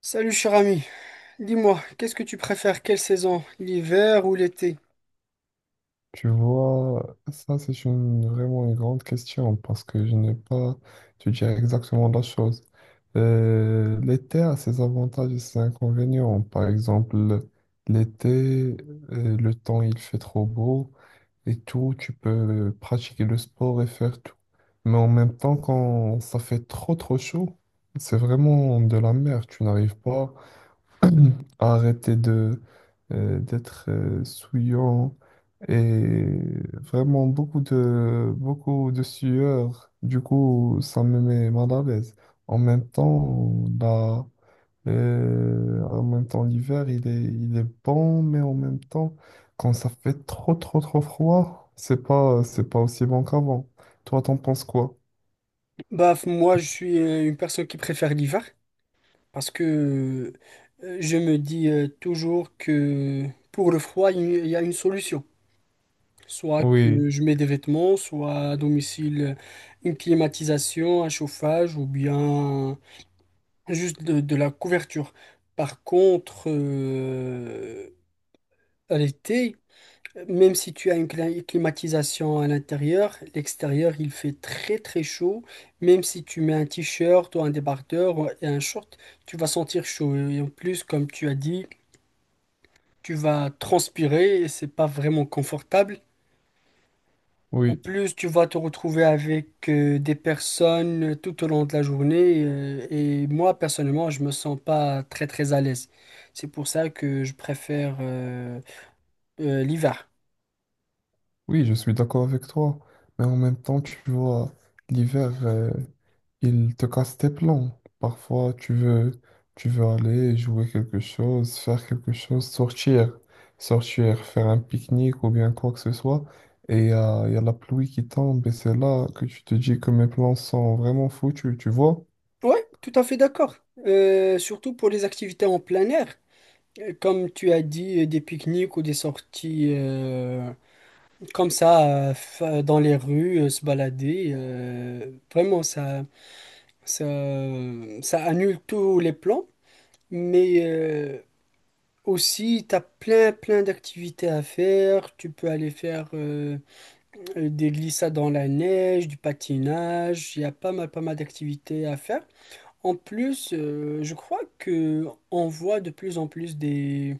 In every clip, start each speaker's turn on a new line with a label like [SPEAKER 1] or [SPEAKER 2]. [SPEAKER 1] Salut cher ami, dis-moi, qu'est-ce que tu préfères, quelle saison, l'hiver ou l'été?
[SPEAKER 2] Tu vois, ça c'est vraiment une grande question parce que je n'ai pas, je dirais exactement la chose. L'été a ses avantages et ses inconvénients. Par exemple, l'été, le temps il fait trop beau et tout, tu peux pratiquer le sport et faire tout. Mais en même temps, quand ça fait trop trop chaud, c'est vraiment de la merde. Tu n'arrives pas arrêter de d'être souillant et vraiment beaucoup de sueur. Du coup, ça me met mal à l'aise. En même temps, la- en même temps, l'hiver, il est bon, mais en même temps, quand ça fait trop trop trop froid, c'est pas aussi bon qu'avant. Toi, t'en penses quoi?
[SPEAKER 1] Moi je suis une personne qui préfère l'hiver parce que je me dis toujours que pour le froid il y a une solution, soit
[SPEAKER 2] Oui,
[SPEAKER 1] que je mets des vêtements, soit à domicile, une climatisation, un chauffage ou bien juste de la couverture. Par contre, à l'été, même si tu as une climatisation à l'intérieur, l'extérieur il fait très très chaud. Même si tu mets un t-shirt ou un débardeur et un short, tu vas sentir chaud. Et en plus, comme tu as dit, tu vas transpirer et c'est pas vraiment confortable. En
[SPEAKER 2] oui,
[SPEAKER 1] plus, tu vas te retrouver avec des personnes tout au long de la journée. Et moi, personnellement, je me sens pas très très à l'aise. C'est pour ça que je préfère l'hiver.
[SPEAKER 2] oui, je suis d'accord avec toi. Mais en même temps, tu vois, l'hiver. Ils te cassent tes plans. Parfois, tu veux aller jouer quelque chose, faire quelque chose, sortir, sortir, faire un pique-nique ou bien quoi que ce soit. Et y a la pluie qui tombe et c'est là que tu te dis que mes plans sont vraiment foutus, tu vois?
[SPEAKER 1] Ouais, tout à fait d'accord. Surtout pour les activités en plein air, comme tu as dit, des pique-niques ou des sorties, dans les rues, se balader. Vraiment, ça, ça annule tous les plans. Mais aussi, tu as plein d'activités à faire. Tu peux aller faire des glissades dans la neige, du patinage. Il y a pas mal d'activités à faire. En plus, je crois que on voit de plus en plus des,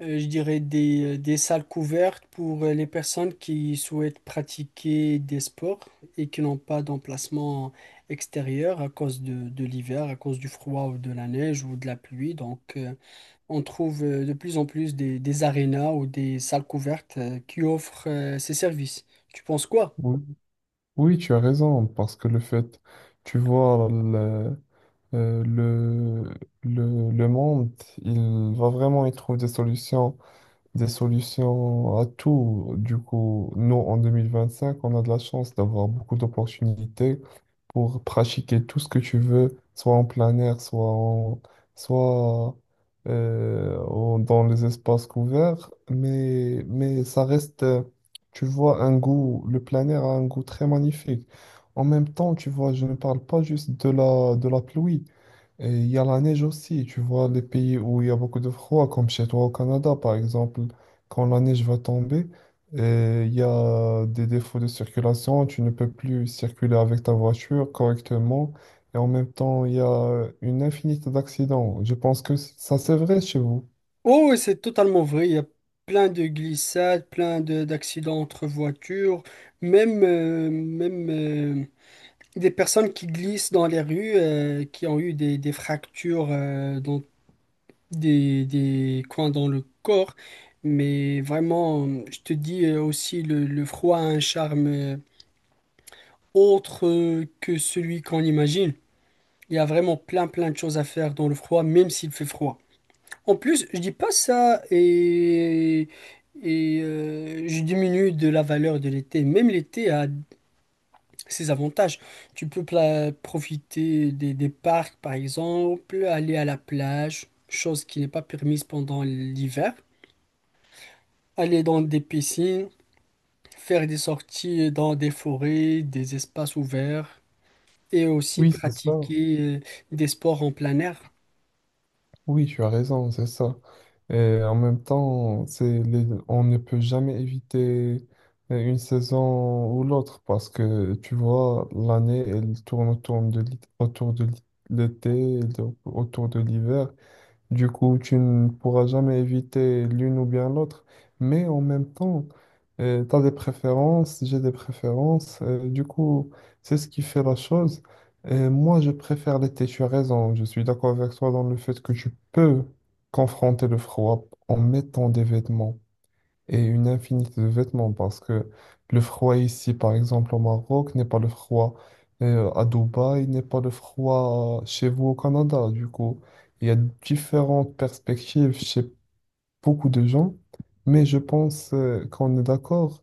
[SPEAKER 1] euh, je dirais des salles couvertes pour les personnes qui souhaitent pratiquer des sports et qui n'ont pas d'emplacement extérieur à cause de l'hiver, à cause du froid ou de la neige ou de la pluie. Donc, on trouve de plus en plus des arénas ou des salles couvertes qui offrent ces services. Tu penses quoi?
[SPEAKER 2] Oui, oui, tu as raison, parce que le fait, tu vois, euh, le, le monde, il va vraiment y trouver des solutions à tout. Du coup, nous, en 2025, on a de la chance d'avoir beaucoup d'opportunités pour pratiquer tout ce que tu veux, soit en plein air, soit dans les espaces couverts. Mais ça reste, tu vois, un goût, le plein air a un goût très magnifique. En même temps, tu vois, je ne parle pas juste de de la pluie. Et il y a la neige aussi, tu vois, les pays où il y a beaucoup de froid, comme chez toi au Canada, par exemple, quand la neige va tomber, il y a des défauts de circulation, tu ne peux plus circuler avec ta voiture correctement, et en même temps, il y a une infinité d'accidents. Je pense que ça, c'est vrai chez vous.
[SPEAKER 1] Oh, oui, c'est totalement vrai. Il y a plein de glissades, d'accidents entre voitures, même des personnes qui glissent dans les rues, qui ont eu des fractures dans des coins dans le corps. Mais vraiment, je te dis aussi, le froid a un charme autre que celui qu'on imagine. Il y a vraiment plein de choses à faire dans le froid, même s'il fait froid. En plus, je dis pas ça et je diminue de la valeur de l'été. Même l'été a ses avantages. Tu peux profiter des parcs, par exemple, aller à la plage, chose qui n'est pas permise pendant l'hiver, aller dans des piscines, faire des sorties dans des forêts, des espaces ouverts et aussi
[SPEAKER 2] Oui, c'est ça.
[SPEAKER 1] pratiquer des sports en plein air.
[SPEAKER 2] Oui, tu as raison, c'est ça. Et en même temps, c'est on ne peut jamais éviter une saison ou l'autre parce que tu vois, l'année, elle tourne l'été, autour de l'hiver. Du coup, tu ne pourras jamais éviter l'une ou bien l'autre. Mais en même temps, tu as des préférences, j'ai des préférences. Du coup, c'est ce qui fait la chose. Et moi, je préfère l'été. Tu as raison. Je suis d'accord avec toi dans le fait que tu peux confronter le froid en mettant des vêtements et une infinité de vêtements parce que le froid ici, par exemple au Maroc, n'est pas le froid à Dubaï, n'est pas le froid chez vous au Canada. Du coup, il y a différentes perspectives chez beaucoup de gens, mais je pense qu'on est d'accord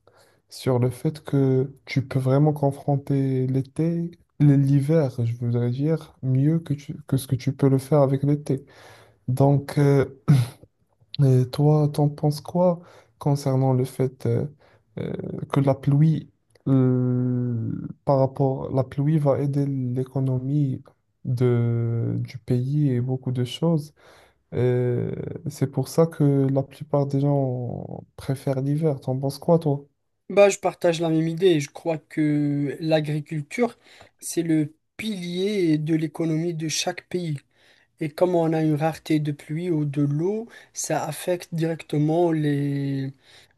[SPEAKER 2] sur le fait que tu peux vraiment confronter l'été. L'hiver, je voudrais dire, mieux que, que ce que tu peux le faire avec l'été. Donc, et toi, t'en penses quoi concernant le fait euh, que la pluie, euh, par rapport, la pluie va aider l'économie de, du pays et beaucoup de choses. Euh, c'est pour ça que la plupart des gens préfèrent l'hiver. T'en penses quoi, toi?
[SPEAKER 1] Bah, je partage la même idée. Je crois que l'agriculture, c'est le pilier de l'économie de chaque pays. Et comme on a une rareté de pluie ou de l'eau, ça affecte directement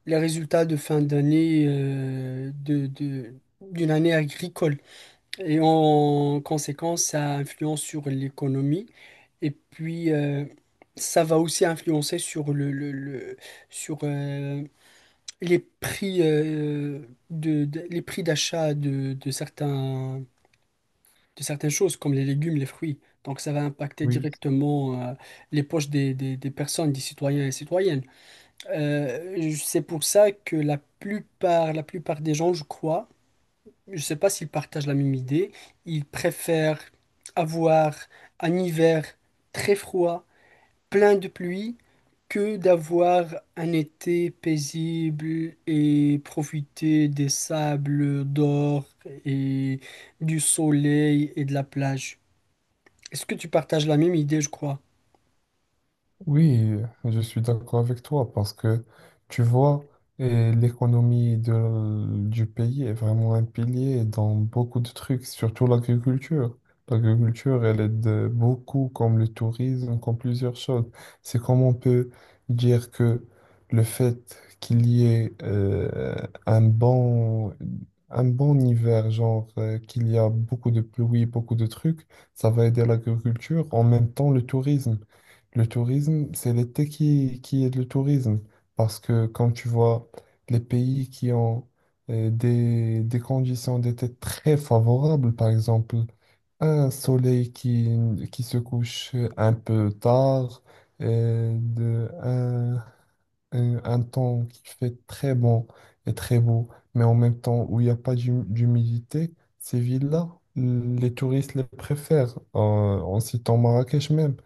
[SPEAKER 1] les résultats de fin d'année, d'une année agricole. Et en conséquence, ça influence sur l'économie. Et puis, ça va aussi influencer sur sur, euh, les prix, les prix d'achat de certains de certaines choses comme les légumes, les fruits. Donc ça va impacter
[SPEAKER 2] Oui.
[SPEAKER 1] directement, les poches des personnes, des citoyens et citoyennes. C'est pour ça que la plupart des gens, je crois, je sais pas s'ils partagent la même idée, ils préfèrent avoir un hiver très froid, plein de pluie, que d'avoir un été paisible et profiter des sables d'or et du soleil et de la plage. Est-ce que tu partages la même idée, je crois?
[SPEAKER 2] Oui, je suis d'accord avec toi parce que tu vois, eh, l'économie du pays est vraiment un pilier dans beaucoup de trucs, surtout l'agriculture. L'agriculture, elle aide beaucoup, comme le tourisme, comme plusieurs choses. C'est comme on peut dire que le fait qu'il y ait un bon, un bon hiver, genre qu'il y a beaucoup de pluie, beaucoup de trucs, ça va aider l'agriculture, en même temps le tourisme. Le tourisme, c'est l'été qui est le tourisme. Parce que quand tu vois les pays qui ont des conditions d'été très favorables, par exemple, un soleil qui se couche un peu tard, euh, de, un, un temps qui fait très bon et très beau, mais en même temps où il n'y a pas d'humidité, ces villes-là, les touristes les préfèrent, en citant Marrakech même.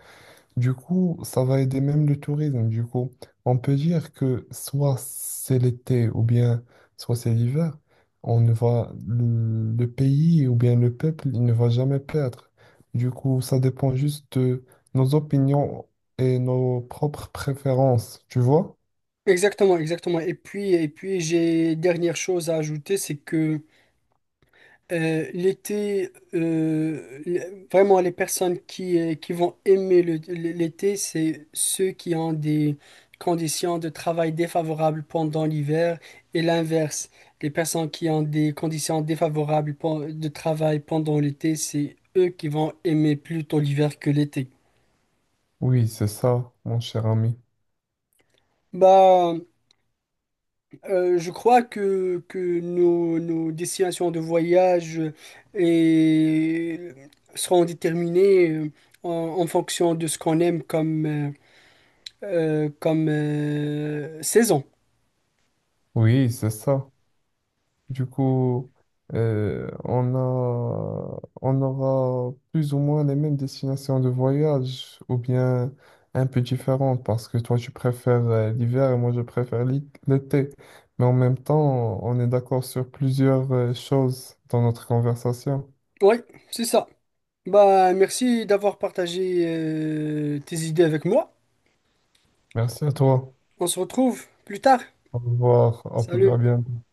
[SPEAKER 2] Du coup, ça va aider même le tourisme. Du coup, on peut dire que soit c'est l'été ou bien soit c'est l'hiver, on ne va le pays ou bien le peuple, il ne va jamais perdre. Du coup, ça dépend juste de nos opinions et nos propres préférences, tu vois?
[SPEAKER 1] Exactement, exactement. Et puis j'ai dernière chose à ajouter, c'est que l'été, vraiment les personnes qui vont aimer l'été, c'est ceux qui ont des conditions de travail défavorables pendant l'hiver, et l'inverse. Les personnes qui ont des conditions défavorables de travail pendant l'été, c'est eux qui vont aimer plutôt l'hiver que l'été.
[SPEAKER 2] Oui, c'est ça, mon cher ami.
[SPEAKER 1] Bah, je crois que nos destinations de voyage et seront déterminées, en, en fonction de ce qu'on aime comme, saison.
[SPEAKER 2] Oui, c'est ça. Du coup, on aura plus ou moins les mêmes destinations de voyage, ou bien un peu différentes, parce que toi, tu préfères l'hiver et moi, je préfère l'été. Mais en même temps, on est d'accord sur plusieurs choses dans notre conversation.
[SPEAKER 1] Oui, c'est ça. Bah, merci d'avoir partagé tes idées avec moi.
[SPEAKER 2] Merci à toi.
[SPEAKER 1] On se retrouve plus tard.
[SPEAKER 2] Au revoir. À plus à
[SPEAKER 1] Salut.
[SPEAKER 2] bientôt.